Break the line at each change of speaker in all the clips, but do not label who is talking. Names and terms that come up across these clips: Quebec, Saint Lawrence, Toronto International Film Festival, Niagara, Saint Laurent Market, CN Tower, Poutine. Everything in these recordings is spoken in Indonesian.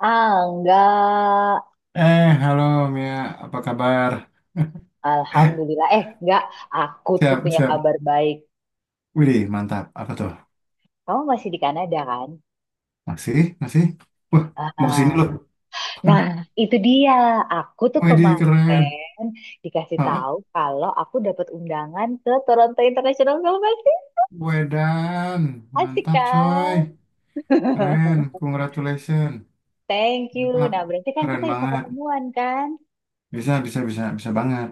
Ah, enggak.
Eh, halo Mia, apa kabar?
Alhamdulillah. Eh, enggak. Aku tuh
Siap,
punya
siap.
kabar baik.
Widih, mantap. Apa tuh?
Kamu masih di Kanada kan?
Masih, masih. Wah, mau kesini
Ah,
loh.
nah, itu dia. Aku tuh
Widih,
kemarin
keren.
dikasih
Hah?
tahu kalau aku dapat undangan ke Toronto International Film Festival.
Wedan,
Asik
mantap coy.
kan?
Keren, congratulations.
Thank you.
Mantap,
Nah, berarti kan
keren
kita bisa
banget.
ketemuan kan?
Bisa, bisa, bisa, bisa banget.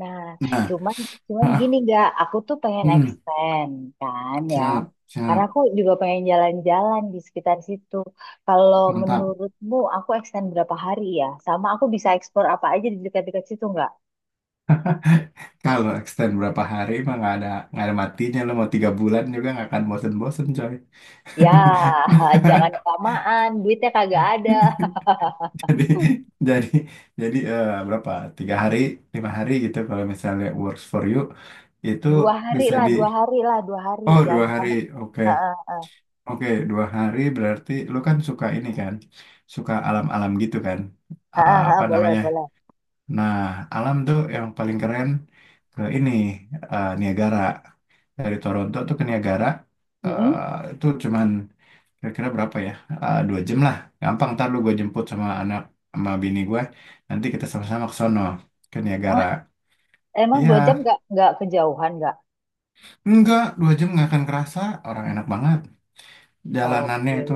Nah,
Nah,
cuman cuman gini
ah,
nggak, aku tuh pengen
mm,
extend kan ya.
siap,
Karena
siap,
aku juga pengen jalan-jalan di sekitar situ. Kalau
mantap.
menurutmu aku extend berapa hari ya? Sama aku bisa explore apa aja di dekat-dekat situ nggak?
Kalau extend berapa hari mah nggak ada matinya, lo mau 3 bulan juga nggak akan bosen-bosen coy.
Ya, jangan kelamaan, duitnya kagak ada.
jadi jadi jadi, berapa, 3 hari, 5 hari gitu kalau misalnya works for you itu
Dua hari
bisa
lah,
di
dua hari lah, dua hari.
oh,
Jangan
dua
lama.
hari
Ha,
oke,
ha, ha.
oke 2 hari berarti lu kan suka ini kan, suka alam-alam gitu kan.
Ha,
Ah,
ha, ha,
apa
boleh,
namanya,
boleh.
nah, alam tuh yang paling keren, ke Niagara. Dari Toronto tuh ke Niagara
Mm-mm.
itu cuman, kira-kira berapa ya? Ah, 2 jam lah. Gampang, ntar lu gue jemput sama anak sama bini gue. Nanti kita sama-sama ke sono. Ke Niagara.
Hah, emang dua jam
Iya.
nggak kejauhan nggak?
Enggak, 2 jam nggak akan kerasa. Orang enak banget. Jalanannya
Oke.
itu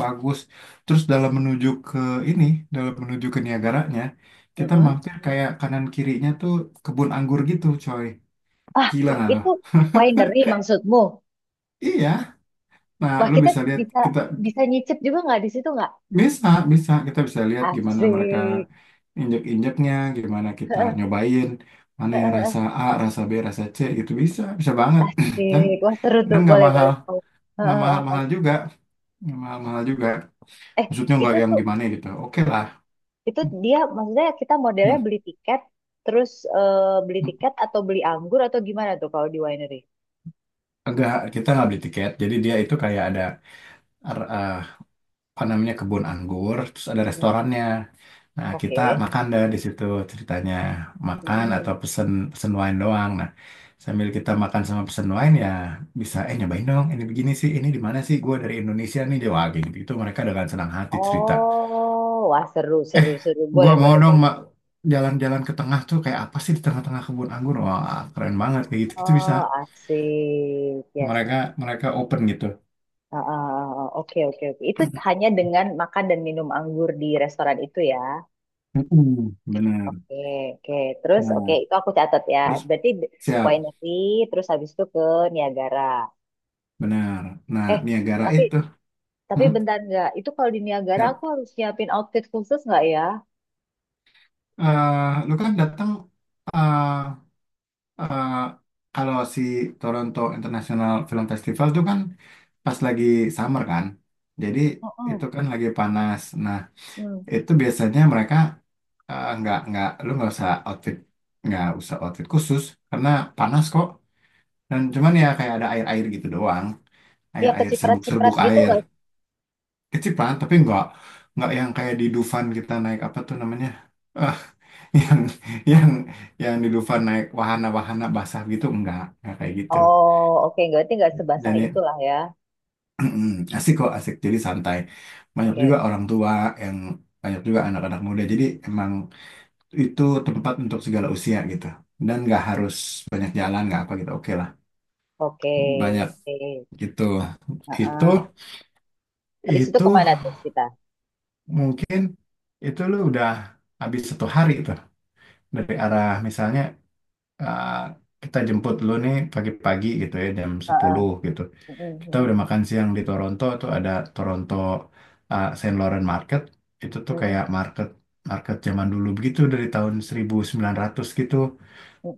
bagus. Terus ini, dalam menuju ke Niagaranya, kita
Mm-mm.
mampir kayak kanan kirinya tuh kebun anggur gitu, coy.
Ah,
Gila nggak lo?
itu winery maksudmu?
Iya. Nah,
Wah,
lu
kita
bisa lihat
bisa
kita
bisa nyicip juga nggak di situ nggak?
bisa, bisa kita bisa lihat gimana mereka
Asik.
injek-injeknya, gimana kita
Heeh,
nyobain mana
heeh,
yang
heeh.
rasa A, rasa B, rasa C gitu. Bisa, bisa banget. Dan
Asik. Wah, seru tuh.
nggak
Boleh,
mahal,
boleh. Mau.
nggak
Heeh, heeh, mau.
mahal-mahal juga nggak mahal-mahal juga,
Eh,
maksudnya nggak
itu
yang
tuh
gimana gitu, oke lah.
itu dia maksudnya kita modelnya
Hmm.
beli tiket terus eh, beli tiket atau beli anggur atau gimana tuh kalau di winery?
Enggak, kita nggak beli tiket. Jadi dia itu kayak ada er, eh, apa namanya, kebun anggur, terus ada
Hmm.
restorannya. Nah, kita
Oke.
makan deh di situ ceritanya. Makan
Mm-mm.
atau pesen pesen wine doang. Nah, sambil kita makan sama pesen wine ya bisa nyobain dong, ini begini sih, ini di mana sih? Gue dari Indonesia nih, dia wah gitu. Itu mereka dengan senang hati cerita.
Oh, wah seru,
Eh,
seru, seru.
gue
Boleh,
mau
boleh,
dong
boleh.
Mak jalan-jalan ke tengah tuh, kayak apa sih di tengah-tengah kebun anggur? Wah, keren banget kayak gitu. Itu bisa
Oh, asik. Ya.
mereka mereka open gitu.
Ah, ah, ah, oke, oke, oke. Itu hanya dengan makan dan minum anggur di restoran itu ya.
Mm-mm, bener.
Oke, oke. Terus, oke,
Nah,
itu aku catat ya.
terus
Berarti d-
siap.
winery, terus habis itu ke Niagara.
Benar. Nah,
Eh,
Niagara
tapi
itu.
tapi
Hmm?
bentar nggak. Itu kalau di Niagara aku
Siap.
harus nyiapin outfit khusus nggak ya?
Eh, lu kan datang, eh eh, kalau si Toronto International Film Festival tuh kan pas lagi summer kan. Jadi itu
Mm-mm.
kan lagi panas. Nah,
Hmm.
itu biasanya mereka eh, nggak lu nggak usah outfit khusus karena panas kok. Dan cuman ya kayak ada air-air gitu doang.
Ya
Air-air,
keciprat-ciprat
serbuk-serbuk
gitu
air.
nggak?
Kecil Pak, tapi nggak yang kayak di Dufan kita naik apa tuh namanya, eh yang yang yang di Dufan naik wahana-wahana basah gitu, enggak kayak gitu.
Oh, oke. Nggak. Berarti nggak sebasah
Dan ya,
itulah ya.
asik kok, asik, jadi santai. Banyak juga
Oke,
orang tua yang, banyak juga anak-anak muda, jadi emang itu tempat untuk segala usia gitu, dan nggak harus banyak jalan nggak apa gitu, oke lah,
oke,
banyak
oke.
gitu.
Ah,
itu
ah. Habis itu
itu
kemana tuh kita?
mungkin lu udah habis 1 hari itu dari arah misalnya, uh, kita jemput lu nih pagi-pagi gitu ya jam
Ah, ah.
sepuluh gitu. Kita
Mm-mm,
udah makan siang di Toronto tuh ada Toronto, Saint Laurent Market. Itu tuh kayak
mm-mm.
market market zaman dulu begitu dari tahun 1900 gitu,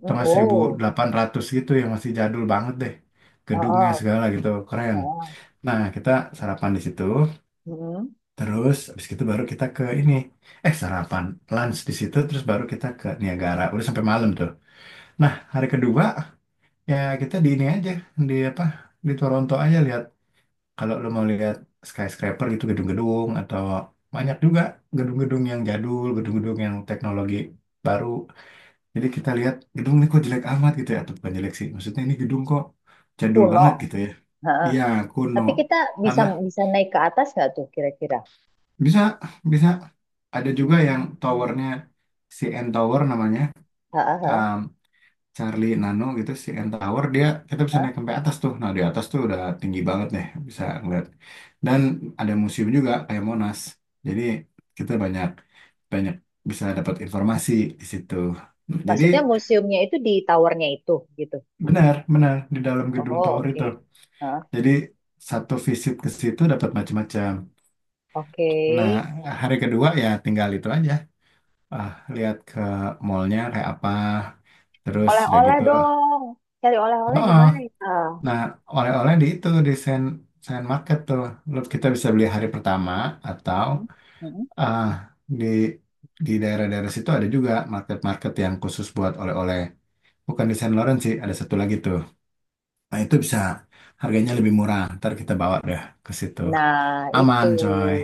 atau nggak seribu
Oh,
delapan ratus gitu, yang masih jadul banget deh. Gedungnya
heeh,
segala gitu keren.
heeh.
Nah, kita sarapan di situ,
Mm-mm.
terus habis itu baru kita ke ini. Eh, sarapan, lunch di situ terus baru kita ke Niagara. Udah sampai malam tuh. Nah, hari kedua ya kita di ini aja, di apa, di Toronto aja lihat kalau lo mau lihat skyscraper gitu, gedung-gedung atau banyak juga gedung-gedung yang jadul, gedung-gedung yang teknologi baru. Jadi kita lihat gedung ini kok jelek amat gitu ya, atau bukan jelek sih, maksudnya ini gedung kok jadul
Kuno.
banget gitu ya.
Heeh.
Iya, kuno.
Tapi kita bisa
Karena
bisa naik ke atas nggak tuh kira-kira?
bisa bisa ada juga yang
Hmm.
towernya, CN Tower namanya.
Heeh, heeh,
um, Charlie Nano gitu si N Tower, dia kita bisa
heeh.
naik sampai atas tuh. Nah di atas tuh udah tinggi banget deh, bisa ngeliat. Dan ada museum juga kayak Monas. Jadi kita banyak banyak bisa dapat informasi di situ. Nah, jadi
Maksudnya museumnya itu di towernya itu gitu.
benar benar di dalam gedung
Oh,
tower
oke.
itu.
Heeh.
Jadi satu visit ke situ dapat macam-macam.
Oke.
Nah hari kedua ya tinggal itu aja. Ah, lihat ke mallnya kayak apa. Terus udah
Oleh-oleh
gitu.
dong. Cari oleh-oleh di
Oh,
mana ya? Ah.
nah, oleh-oleh di itu di Sen Sen Market tuh. Lu- kita bisa beli hari pertama atau
Mm, mm.
ah, di di daerah-daerah situ ada juga market-market yang khusus buat oleh-oleh. Bukan di Saint Lawrence sih, ada satu lagi tuh. Nah, itu bisa harganya lebih murah. Ntar kita bawa deh ke situ.
Nah, itu
Aman, coy.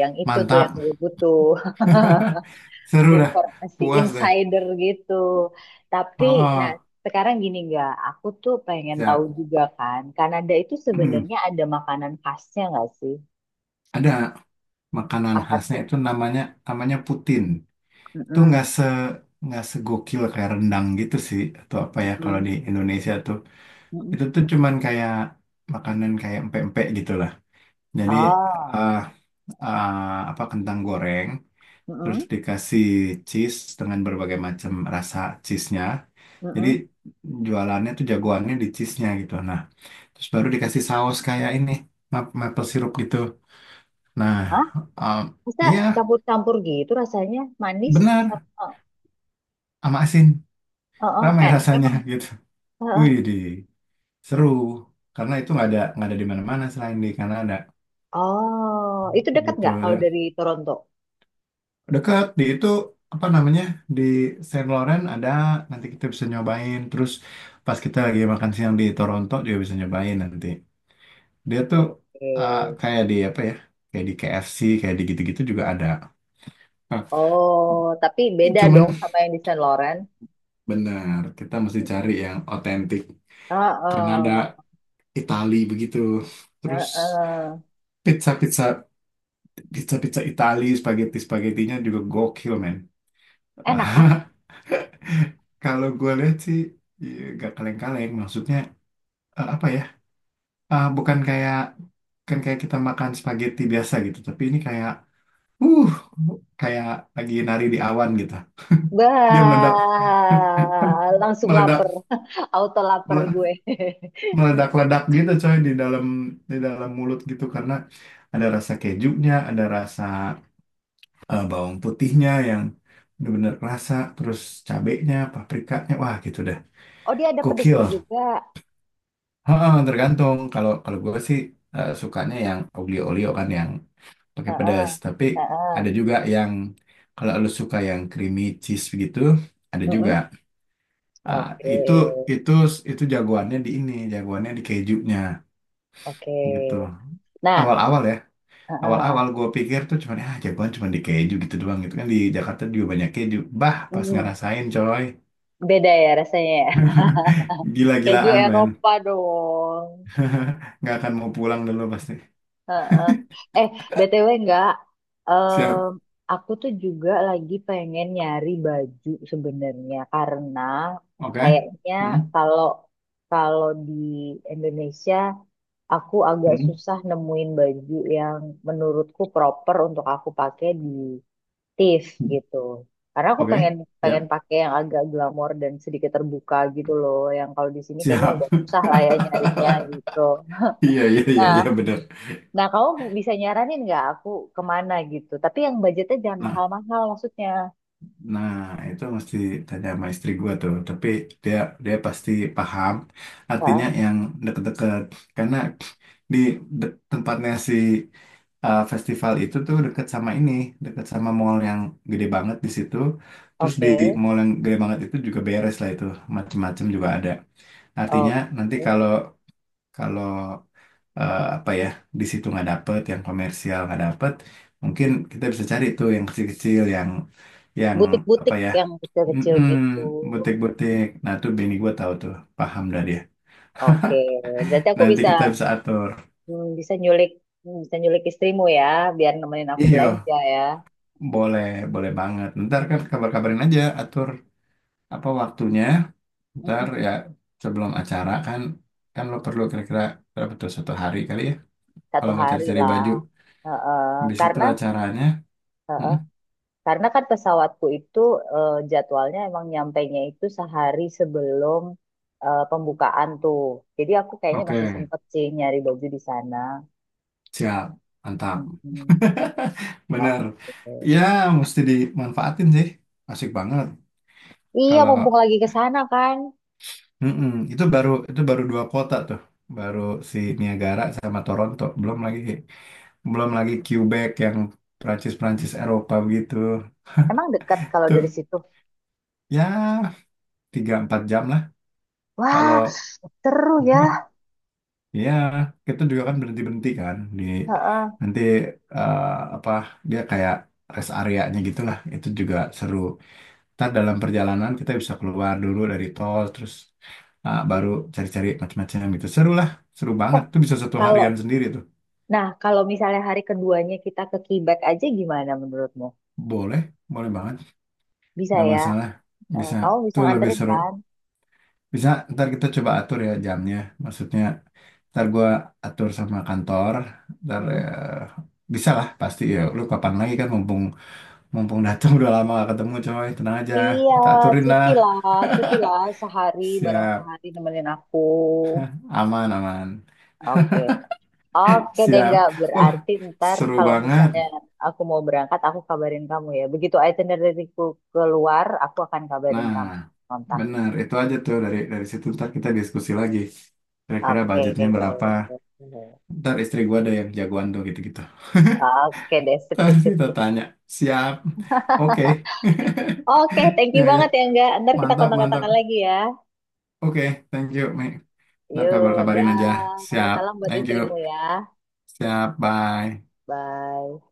yang itu tuh
Mantap.
yang gue butuh.
Seru dah.
Informasi
Puas deh.
insider gitu. Tapi,
Oh,
nah
oh.
sekarang gini nggak, aku tuh pengen tahu
Siap.
juga kan, Kanada itu
Mm.
sebenarnya ada makanan khasnya nggak sih?
Ada makanan
Apa
khasnya
tuh?
itu namanya, Putin. Tuh
Mm-mm.
nggak segokil kayak rendang gitu sih, atau apa ya kalau di
Mm-mm,
Indonesia tuh,
mm-mm.
itu tuh cuman kayak makanan kayak empek-empek gitu lah. Jadi
Oh,
eh apa, kentang goreng terus
mm-mm,
dikasih cheese dengan berbagai macam rasa cheese-nya. Jadi
mm-mm.
jualannya tuh jagoannya di cheese-nya gitu. Nah, terus baru dikasih saus kayak ini maple syrup gitu. Nah,
Hah?
em,
Bisa
iya
campur-campur gitu rasanya, manis
benar,
sama, oh,
sama asin,
oh,
ramai
enak
rasanya
emang.
gitu.
Heeh.
Wih, seru karena itu nggak ada di mana-mana selain di Kanada
Oh, itu dekat
gitu.
nggak kalau
Dan
dari Toronto?
dekat di itu, apa namanya, di Saint Laurent ada, nanti kita bisa nyobain. Terus pas kita lagi makan siang di Toronto juga bisa nyobain nanti. Dia tuh
Oke.
kayak di apa ya, kayak di KFC kayak di gitu-gitu juga ada. Nah,
Oh, tapi beda
cuman
dong sama yang di Saint Lawrence.
benar kita mesti cari yang otentik Kanada,
Heeh,
Itali begitu. Terus
heeh.
pizza pizza pizza pizza Itali, spaghetti, spagettinya juga gokil men.
Enak ah.
Ah, kalau gue lihat sih ya, gak kaleng-kaleng, maksudnya eh, apa ya ah, bukan kayak, kan kayak kita makan spaghetti biasa gitu, tapi ini kayak uh kayak lagi nari di awan gitu. Dia
Bah,
meledak,
langsung lapar.
meledak
Auto lapar gue.
meledak ledak gitu coy di dalam, di dalam mulut gitu, karena ada rasa kejunya, ada rasa bawang putihnya yang bener-bener kerasa, terus cabenya, paprikanya, wah gitu dah,
Oh, dia ada
gokil.
pedesnya juga.
Heeh, tergantung. Kalau Kalau gue sih sukanya yang oglio-olio kan yang pakai
Heeh,
pedas. Tapi
heeh.
ada juga yang kalau lu suka yang creamy cheese begitu ada juga.
Mm-mm.
Ah,
Oke,
itu itu itu jagoannya di ini, jagoannya di kejunya
oke.
gitu.
Nah,
Awal-awal ya,
heeh.
awal-awal gue pikir tuh cuman ah jagoan cuman di keju gitu doang gitu, kan di Jakarta juga banyak keju. Bah, pas
Mm.
ngerasain coy,
Beda ya rasanya ya. Keju
gila-gilaan men.
Eropa dong.
Nggak akan mau pulang dulu pasti.
Heeh. Eh, BTW enggak. Em,
Siap,
aku tuh juga lagi pengen nyari baju sebenarnya karena
oke?
kayaknya
Hmm?
kalau kalau di Indonesia aku agak
Hmm,
susah nemuin baju yang menurutku proper untuk aku pakai di TIFF
hmm.
gitu. Karena aku pengen
Oke,
pengen
ya,
pakai yang agak glamor dan sedikit terbuka gitu loh, yang kalau di sini kayaknya
siap.
agak susah lah ya nyarinya gitu.
Iya, iya, iya, iya,
Nah,
bener.
nah, kamu bisa nyaranin nggak aku kemana gitu? Tapi yang budgetnya jangan
Nah,
mahal-mahal maksudnya.
nah itu mesti tanya sama istri gua tuh. Tapi dia dia pasti paham artinya
Ah,
yang deket-deket. Karena di tempatnya si festival itu tuh deket sama ini, deket sama mall yang gede banget di situ. Terus di
oke,
mall yang gede banget itu juga beres lah itu, macem-macem juga ada. Artinya nanti
oke.
kalau kalau eh, apa ya di situ nggak dapet yang komersial nggak dapet, mungkin kita bisa cari tuh yang kecil-kecil yang yang apa
Butik-butik
ya
yang kecil-kecil
mm-mm,
gitu.
butik-butik. Nah tuh Benny gue tahu tuh, paham dah dia,
Oke, berarti aku
nanti
bisa
kita bisa atur.
bisa nyulik bisa nyulik istrimu ya, biar nemenin aku
Iyo,
belanja ya.
boleh, boleh banget. Ntar kan kabar-kabarin aja, atur apa waktunya ntar
Mm-mm.
ya, sebelum acara kan. Kan lo perlu kira-kira berapa tuh, 1 hari kali ya,
Satu
kalau mau
hari
cari-cari
lah.
baju,
Heeh.
habis itu
Karena
acaranya.
heeh.
Mm-mm.
Karena kan pesawatku itu jadwalnya emang nyampainya itu sehari sebelum pembukaan tuh. Jadi aku kayaknya masih
Oke,
sempet sih nyari baju di sana.
siap, mantap.
Mm-mm.
Bener.
Oke.
Ya, mesti dimanfaatin sih. Asik banget.
Iya,
Kalau
mumpung lagi ke sana kan.
mm-mm, itu baru dua kota tuh. Baru si Niagara sama Toronto. Belum lagi Quebec yang Prancis-Prancis Eropa begitu.
Emang dekat kalau dari
Tuh,
situ.
ya tiga empat jam lah. Kalau
Wah, seru ya.
ya kita juga kan berhenti-berhenti kan di
Heeh.
nanti, eh, apa dia kayak rest areanya gitu lah. Itu juga seru. Ntar dalam perjalanan kita bisa keluar dulu dari tol, terus ah, baru cari-cari macam-macam gitu. Seru lah, seru
Eh,
banget. Tuh bisa satu
kalau
harian sendiri tuh.
nah kalau misalnya hari keduanya kita ke Quebec aja gimana menurutmu?
Boleh, boleh banget.
Bisa
Nggak
ya?
masalah.
Eh,
Bisa,
kamu bisa
tuh lebih
nganterin
seru.
kan?
Bisa, ntar kita coba atur ya jamnya. Maksudnya, ntar gua atur sama kantor. Ntar
Mm-mm.
eh, bisa lah, pasti ya. Lu kapan lagi kan, mumpung mumpung datang. Udah lama gak ketemu coy. Tenang aja,
Iya,
kita aturin lah.
cuti lah sehari bareng
Siap,
sehari nemenin aku.
aman, aman.
Oke. Oke deh
Siap.
nggak
Wah,
berarti ntar
seru
kalau misalnya
banget.
aku mau berangkat aku kabarin kamu ya. Begitu itinerary-ku keluar, aku akan kabarin
Nah,
kamu. Kontak.
benar. Itu aja tuh dari situ ntar kita diskusi lagi. Kira-kira
Oke.
budgetnya berapa? Ntar istri gua ada yang jagoan tuh gitu-gitu.
Oke deh, sip
Ntar
sip sip,
kita
sip.
tanya. Siap. Oke.
Oke, thank you
Ya ya.
banget ya enggak. Ntar kita
Mantap mantap.
kontak-kontakan lagi ya.
Oke. Thank you, Mi. Ntar
Yuk,
kabar-kabarin aja.
dah.
Siap.
Salam buat
Thank you.
istrimu ya.
Siap. Bye.
Bye.